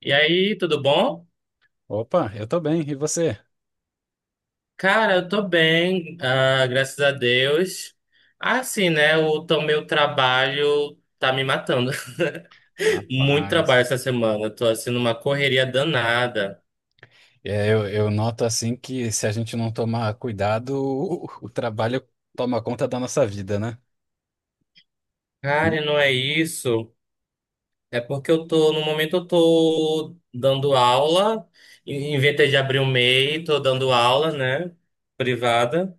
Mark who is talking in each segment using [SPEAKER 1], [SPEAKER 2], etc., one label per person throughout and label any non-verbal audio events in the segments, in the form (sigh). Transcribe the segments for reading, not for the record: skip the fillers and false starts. [SPEAKER 1] E aí, tudo bom?
[SPEAKER 2] Opa, eu tô bem, e você?
[SPEAKER 1] Cara, eu tô bem, graças a Deus. Assim, né? Meu trabalho tá me matando. (laughs) Muito trabalho
[SPEAKER 2] Rapaz.
[SPEAKER 1] essa semana. Eu tô assim numa correria danada.
[SPEAKER 2] Eu noto assim que se a gente não tomar cuidado, (laughs) o trabalho toma conta da nossa vida, né?
[SPEAKER 1] Cara,
[SPEAKER 2] Sim.
[SPEAKER 1] e não é isso. É porque no momento eu tô dando aula, inventei de abrir o MEI, tô dando aula, né? Privada,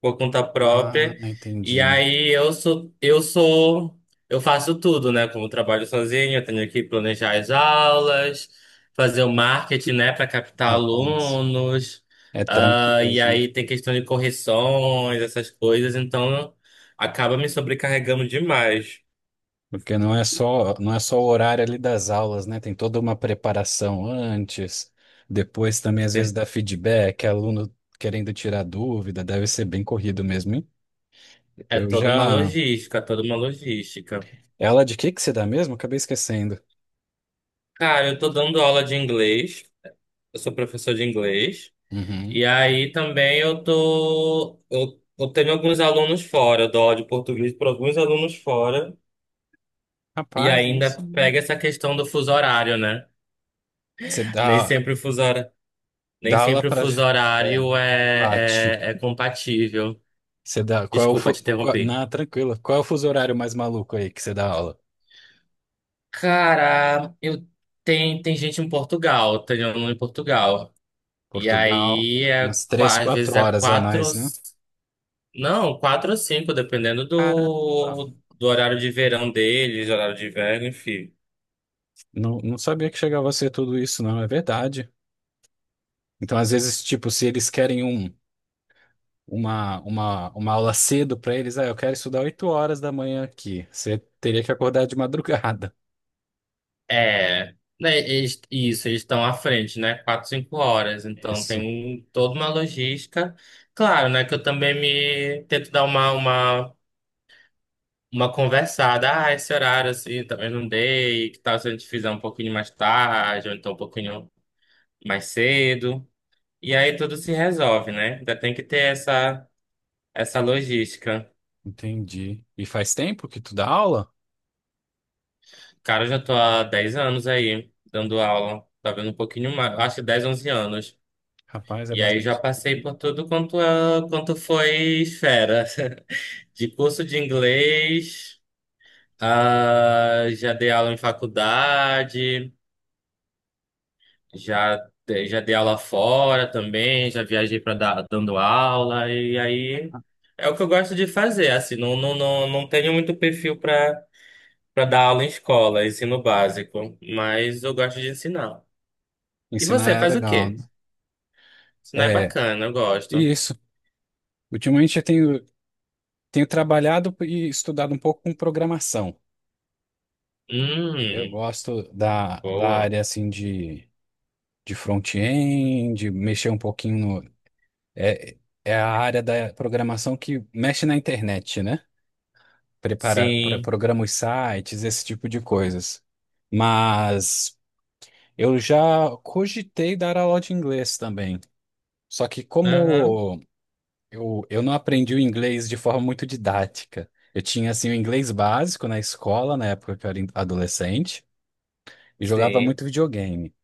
[SPEAKER 1] por conta
[SPEAKER 2] Ah,
[SPEAKER 1] própria. E
[SPEAKER 2] entendi.
[SPEAKER 1] aí eu faço tudo, né? Como eu trabalho sozinho, eu tenho que planejar as aulas, fazer o marketing, né, para captar
[SPEAKER 2] Rapaz,
[SPEAKER 1] alunos.
[SPEAKER 2] é trampo
[SPEAKER 1] E
[SPEAKER 2] mesmo.
[SPEAKER 1] aí tem questão de correções, essas coisas, então acaba me sobrecarregando demais.
[SPEAKER 2] Porque não é só, não é só o horário ali das aulas, né? Tem toda uma preparação antes, depois também às vezes
[SPEAKER 1] Tem-
[SPEAKER 2] dá feedback, aluno querendo tirar dúvida, deve ser bem corrido mesmo, hein?
[SPEAKER 1] é
[SPEAKER 2] Eu
[SPEAKER 1] toda uma
[SPEAKER 2] já...
[SPEAKER 1] logística, toda uma logística.
[SPEAKER 2] Ela de que você dá mesmo? Acabei esquecendo.
[SPEAKER 1] Cara, eu tô dando aula de inglês, eu sou professor de inglês.
[SPEAKER 2] Uhum.
[SPEAKER 1] E aí também eu tô. Eu tenho alguns alunos fora, eu dou aula de português para alguns alunos fora. E
[SPEAKER 2] Rapaz,
[SPEAKER 1] ainda
[SPEAKER 2] isso.
[SPEAKER 1] pega essa questão do fuso horário, né?
[SPEAKER 2] Você
[SPEAKER 1] Nem
[SPEAKER 2] dá,
[SPEAKER 1] sempre o fuso horário, Nem
[SPEAKER 2] dá aula
[SPEAKER 1] sempre o
[SPEAKER 2] pra.
[SPEAKER 1] fuso
[SPEAKER 2] É,
[SPEAKER 1] horário
[SPEAKER 2] Pati.
[SPEAKER 1] é compatível.
[SPEAKER 2] Você dá. Qual é o.
[SPEAKER 1] Desculpa te
[SPEAKER 2] Qual,
[SPEAKER 1] interromper.
[SPEAKER 2] não, tranquilo. Qual é o fuso horário mais maluco aí que você dá aula?
[SPEAKER 1] Cara, eu tem gente em Portugal, tem aluno em Portugal. E
[SPEAKER 2] Portugal,
[SPEAKER 1] aí é,
[SPEAKER 2] umas três,
[SPEAKER 1] às vezes
[SPEAKER 2] quatro
[SPEAKER 1] é
[SPEAKER 2] horas a
[SPEAKER 1] quatro.
[SPEAKER 2] mais, né?
[SPEAKER 1] Não, quatro ou cinco, dependendo
[SPEAKER 2] Caramba.
[SPEAKER 1] do horário de verão deles, horário de inverno, enfim.
[SPEAKER 2] Não, não sabia que chegava a ser tudo isso, não. É verdade. Então, às vezes, tipo, se eles querem uma aula cedo pra eles, ah, eu quero estudar oito horas da manhã aqui. Você teria que acordar de madrugada.
[SPEAKER 1] É, né, eles- isso, eles estão à frente, né? Quatro, cinco horas.
[SPEAKER 2] (laughs)
[SPEAKER 1] Então tem
[SPEAKER 2] Isso,
[SPEAKER 1] um, toda uma logística. Claro, né? Que eu também me tento dar uma conversada. Ah, esse horário assim, talvez não dei. Que tal se a gente fizer um pouquinho mais tarde, ou então um pouquinho mais cedo. E aí tudo se resolve, né? Ainda tem que ter essa logística.
[SPEAKER 2] entendi. E faz tempo que tu dá aula?
[SPEAKER 1] Cara, eu já tô há 10 anos aí, dando aula. Tá vendo, um pouquinho mais, acho que 10, 11 anos.
[SPEAKER 2] Rapaz, é
[SPEAKER 1] E aí já
[SPEAKER 2] bastante.
[SPEAKER 1] passei por tudo quanto, quanto foi esfera. (laughs) De curso de inglês, já dei aula em faculdade, já, já dei aula fora também, já viajei para dar dando aula, e aí é o que eu gosto de fazer, assim, não tenho muito perfil para dar aula em escola, ensino básico, mas eu gosto de ensinar. E
[SPEAKER 2] Ensinar
[SPEAKER 1] você
[SPEAKER 2] é
[SPEAKER 1] faz o
[SPEAKER 2] legal,
[SPEAKER 1] quê?
[SPEAKER 2] né?
[SPEAKER 1] Isso não é
[SPEAKER 2] É,
[SPEAKER 1] bacana, eu
[SPEAKER 2] e
[SPEAKER 1] gosto.
[SPEAKER 2] isso. Ultimamente eu tenho, tenho trabalhado e estudado um pouco com programação.
[SPEAKER 1] Hum,
[SPEAKER 2] Eu gosto da
[SPEAKER 1] boa.
[SPEAKER 2] área assim de front-end, de mexer um pouquinho no. É, é a área da programação que mexe na internet, né? Prepara,
[SPEAKER 1] Sim.
[SPEAKER 2] programa os sites, esse tipo de coisas. Mas eu já cogitei dar aula de inglês também. Só que
[SPEAKER 1] Aham.
[SPEAKER 2] como eu não aprendi o inglês de forma muito didática. Eu tinha, assim, o inglês básico na escola, na época que eu era adolescente, e jogava
[SPEAKER 1] Sim.
[SPEAKER 2] muito videogame.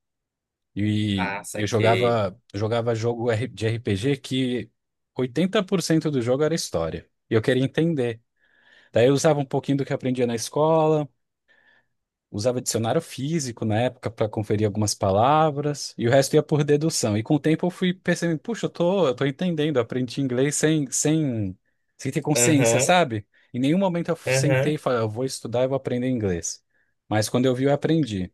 [SPEAKER 2] E
[SPEAKER 1] Ah,
[SPEAKER 2] eu
[SPEAKER 1] saquei.
[SPEAKER 2] jogava, jogava jogo de RPG que 80% do jogo era história. E eu queria entender. Daí eu usava um pouquinho do que eu aprendia na escola. Usava dicionário físico na época para conferir algumas palavras, e o resto ia por dedução. E com o tempo eu fui percebendo, puxa, eu tô entendendo, eu aprendi inglês sem ter consciência,
[SPEAKER 1] Aham.
[SPEAKER 2] sabe? Em nenhum momento eu sentei e
[SPEAKER 1] Aham.
[SPEAKER 2] falei, "Ah, eu vou estudar, eu vou aprender inglês." Mas quando eu vi, eu aprendi.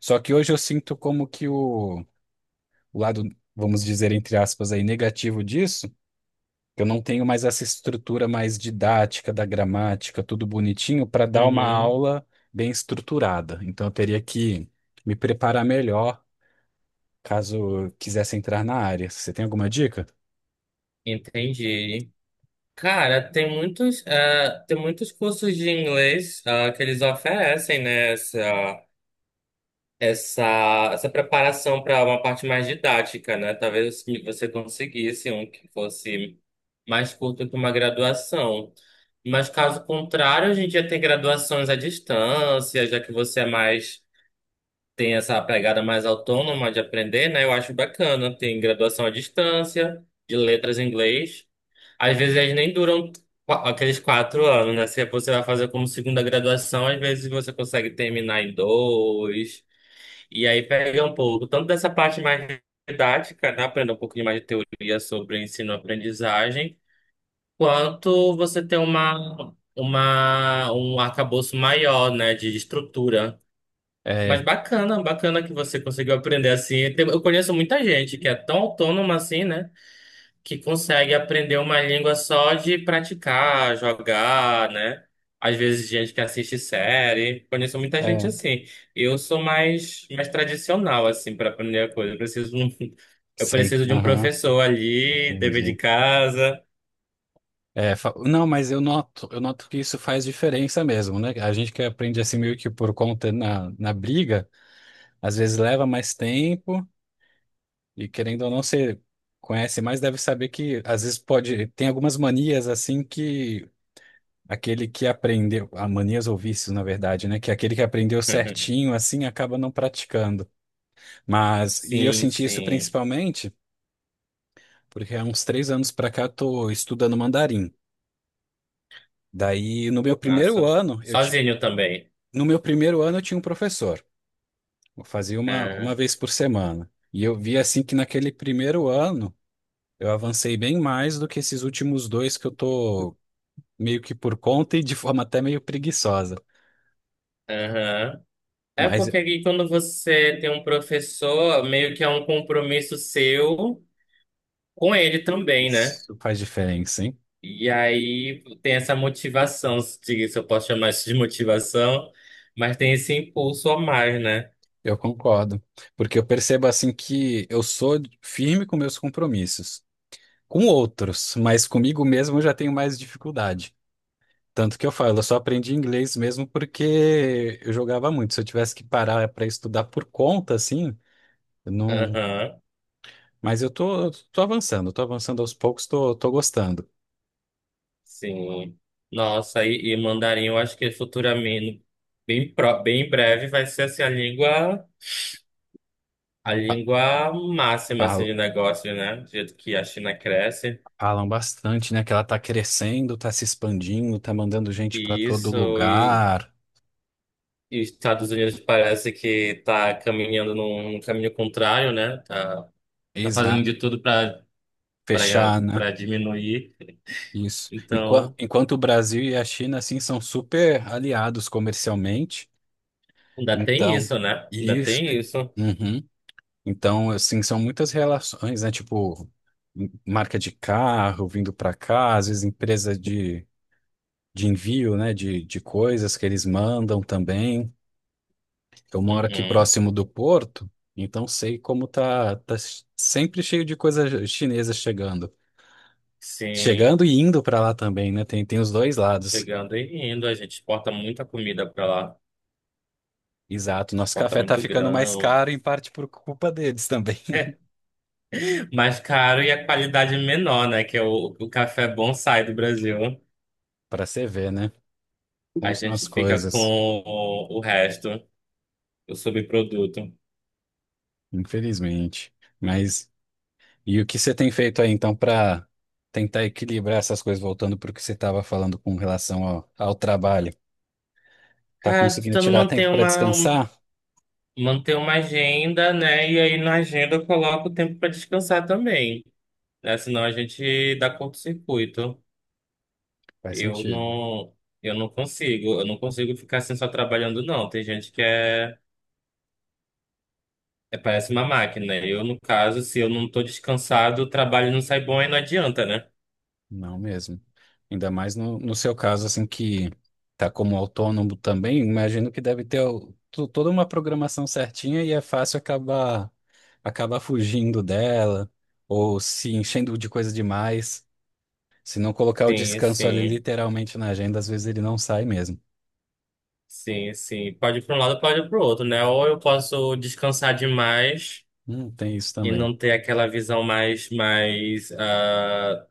[SPEAKER 2] Só que hoje eu sinto como que o lado, vamos dizer, entre aspas, aí, negativo disso. Eu não tenho mais essa estrutura mais didática da gramática, tudo bonitinho, para dar uma
[SPEAKER 1] Uhum.
[SPEAKER 2] aula bem estruturada. Então eu teria que me preparar melhor caso eu quisesse entrar na área. Você tem alguma dica?
[SPEAKER 1] Entendi. Cara, tem muitos, tem muitos cursos de inglês, que eles oferecem, né? essa, Essa preparação para uma parte mais didática, né? Talvez que você conseguisse um que fosse mais curto que uma graduação. Mas caso contrário, a gente já tem graduações à distância, já que você é mais, tem essa pegada mais autônoma de aprender, né? Eu acho bacana. Tem graduação à distância, de letras em inglês. Às vezes elas nem duram aqueles quatro anos, né? Se você vai fazer como segunda graduação, às vezes você consegue terminar em dois. E aí pega um pouco, tanto dessa parte mais didática, né? Aprender um pouquinho mais de teoria sobre ensino-aprendizagem, quanto você ter um arcabouço maior, né? De estrutura.
[SPEAKER 2] É,
[SPEAKER 1] Mas bacana, bacana que você conseguiu aprender assim. Tem- eu conheço muita gente que é tão autônoma assim, né? Que consegue aprender uma língua só de praticar, jogar, né? Às vezes gente que assiste série. Conheço muita gente
[SPEAKER 2] é,
[SPEAKER 1] assim. Eu sou mais tradicional assim para aprender a coisa. Eu preciso de um, (laughs) eu
[SPEAKER 2] sim,
[SPEAKER 1] preciso de um
[SPEAKER 2] aham,
[SPEAKER 1] professor ali, dever de
[SPEAKER 2] entendi.
[SPEAKER 1] casa.
[SPEAKER 2] Não, mas eu noto que isso faz diferença mesmo, né? A gente que aprende assim meio que por conta na briga, às vezes leva mais tempo. E querendo ou não, você conhece mais, deve saber que às vezes pode. Tem algumas manias assim que aquele que aprendeu. Manias ou vícios, na verdade, né? Que é aquele que aprendeu certinho
[SPEAKER 1] (laughs)
[SPEAKER 2] assim acaba não praticando. Mas. E eu
[SPEAKER 1] Sim,
[SPEAKER 2] senti isso
[SPEAKER 1] sim.
[SPEAKER 2] principalmente porque há uns três anos pra cá eu tô estudando mandarim. Daí, no meu primeiro
[SPEAKER 1] Massa.
[SPEAKER 2] ano,
[SPEAKER 1] Sozinho também.
[SPEAKER 2] no meu primeiro ano eu tinha um professor. Eu fazia uma,
[SPEAKER 1] Ah,
[SPEAKER 2] uma vez por semana. E eu vi assim que naquele primeiro ano eu avancei bem mais do que esses últimos dois que eu tô meio que por conta e de forma até meio preguiçosa.
[SPEAKER 1] aham. É
[SPEAKER 2] Mas
[SPEAKER 1] porque aqui quando você tem um professor, meio que é um compromisso seu com ele também, né?
[SPEAKER 2] isso faz diferença, hein?
[SPEAKER 1] E aí tem essa motivação, se eu posso chamar isso de motivação, mas tem esse impulso a mais, né?
[SPEAKER 2] Eu concordo. Porque eu percebo assim que eu sou firme com meus compromissos. Com outros, mas comigo mesmo eu já tenho mais dificuldade. Tanto que eu falo, eu só aprendi inglês mesmo porque eu jogava muito. Se eu tivesse que parar para estudar por conta, assim, eu não.
[SPEAKER 1] Aham,
[SPEAKER 2] Mas eu tô, tô avançando aos poucos, tô, tô gostando.
[SPEAKER 1] sim. Nossa, e mandarim, eu acho que futuramente, bem, bem em breve, vai ser assim, a
[SPEAKER 2] Fa-
[SPEAKER 1] língua máxima assim,
[SPEAKER 2] Fala.
[SPEAKER 1] de negócio, né? Do jeito que a China cresce.
[SPEAKER 2] Falam bastante, né? Que ela tá crescendo, tá se expandindo, tá mandando gente pra
[SPEAKER 1] E
[SPEAKER 2] todo
[SPEAKER 1] isso, e,
[SPEAKER 2] lugar.
[SPEAKER 1] e os Estados Unidos parece que está caminhando num caminho contrário, né? Tá, tá fazendo
[SPEAKER 2] Exato.
[SPEAKER 1] de tudo para
[SPEAKER 2] Fechar, né?
[SPEAKER 1] diminuir.
[SPEAKER 2] Isso.
[SPEAKER 1] Então,
[SPEAKER 2] Enquanto, o Brasil e a China, assim, são super aliados comercialmente.
[SPEAKER 1] ainda tem
[SPEAKER 2] Então,
[SPEAKER 1] isso, né? Ainda
[SPEAKER 2] isso.
[SPEAKER 1] tem isso.
[SPEAKER 2] Uhum. Então, assim, são muitas relações, né? Tipo, marca de carro vindo para cá, às vezes empresa de envio, né? De coisas que eles mandam também. Eu moro aqui
[SPEAKER 1] Uhum.
[SPEAKER 2] próximo do porto, então sei como tá, tá sempre cheio de coisa chinesa chegando.
[SPEAKER 1] Sim,
[SPEAKER 2] Chegando e indo para lá também, né? Tem, tem os dois lados.
[SPEAKER 1] chegando e indo, a gente exporta muita comida para lá.
[SPEAKER 2] Exato. Nosso
[SPEAKER 1] Exporta
[SPEAKER 2] café tá
[SPEAKER 1] muito
[SPEAKER 2] ficando mais
[SPEAKER 1] grão.
[SPEAKER 2] caro, em parte por culpa deles também. (laughs)
[SPEAKER 1] Mais caro e a qualidade menor, né? Que é o café bom sai do Brasil.
[SPEAKER 2] Para você ver, né? Como
[SPEAKER 1] A
[SPEAKER 2] são
[SPEAKER 1] gente
[SPEAKER 2] as
[SPEAKER 1] fica com
[SPEAKER 2] coisas,
[SPEAKER 1] o resto, o subproduto.
[SPEAKER 2] infelizmente. Mas e o que você tem feito aí então para tentar equilibrar essas coisas, voltando para o que você estava falando com relação ao trabalho? Tá
[SPEAKER 1] Cara, tô
[SPEAKER 2] conseguindo
[SPEAKER 1] tentando
[SPEAKER 2] tirar tempo
[SPEAKER 1] manter
[SPEAKER 2] para
[SPEAKER 1] uma, um-
[SPEAKER 2] descansar?
[SPEAKER 1] manter uma agenda, né? E aí na agenda eu coloco o tempo para descansar também, né? Senão a gente dá curto-circuito.
[SPEAKER 2] Faz
[SPEAKER 1] Eu
[SPEAKER 2] sentido.
[SPEAKER 1] não, eu não consigo, eu não consigo ficar assim só trabalhando, não. Tem gente que é, é- parece uma máquina. Eu, no caso, se eu não tô descansado, o trabalho não sai bom e não adianta, né?
[SPEAKER 2] Não mesmo. Ainda mais no seu caso, assim, que tá como autônomo também, imagino que deve ter toda uma programação certinha e é fácil acabar, acabar fugindo dela ou se enchendo de coisa demais. Se não colocar o
[SPEAKER 1] Sim,
[SPEAKER 2] descanso ali
[SPEAKER 1] sim,
[SPEAKER 2] literalmente na agenda, às vezes ele não sai mesmo.
[SPEAKER 1] sim, sim. Pode ir para um lado, pode ir para o outro, né? Ou eu posso descansar demais
[SPEAKER 2] Tem isso
[SPEAKER 1] e
[SPEAKER 2] também.
[SPEAKER 1] não ter aquela visão mais,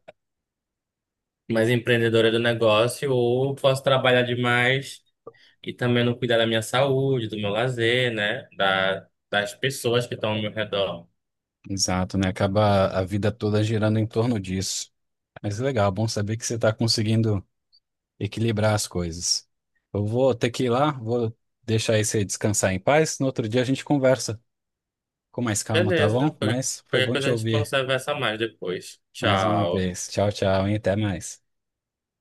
[SPEAKER 1] mais empreendedora do negócio, ou eu posso trabalhar demais e também não cuidar da minha saúde, do meu lazer, né? Da, das pessoas que estão ao meu redor.
[SPEAKER 2] Exato, né? Acaba a vida toda girando em torno disso. Mas legal, bom saber que você está conseguindo equilibrar as coisas. Eu vou ter que ir lá, vou deixar aí você descansar em paz. No outro dia a gente conversa com mais calma, tá bom?
[SPEAKER 1] Beleza,
[SPEAKER 2] Mas foi
[SPEAKER 1] qualquer
[SPEAKER 2] bom
[SPEAKER 1] coisa
[SPEAKER 2] te
[SPEAKER 1] a gente
[SPEAKER 2] ouvir
[SPEAKER 1] conversa mais depois.
[SPEAKER 2] mais uma
[SPEAKER 1] Tchau.
[SPEAKER 2] vez. Tchau, tchau, e até mais.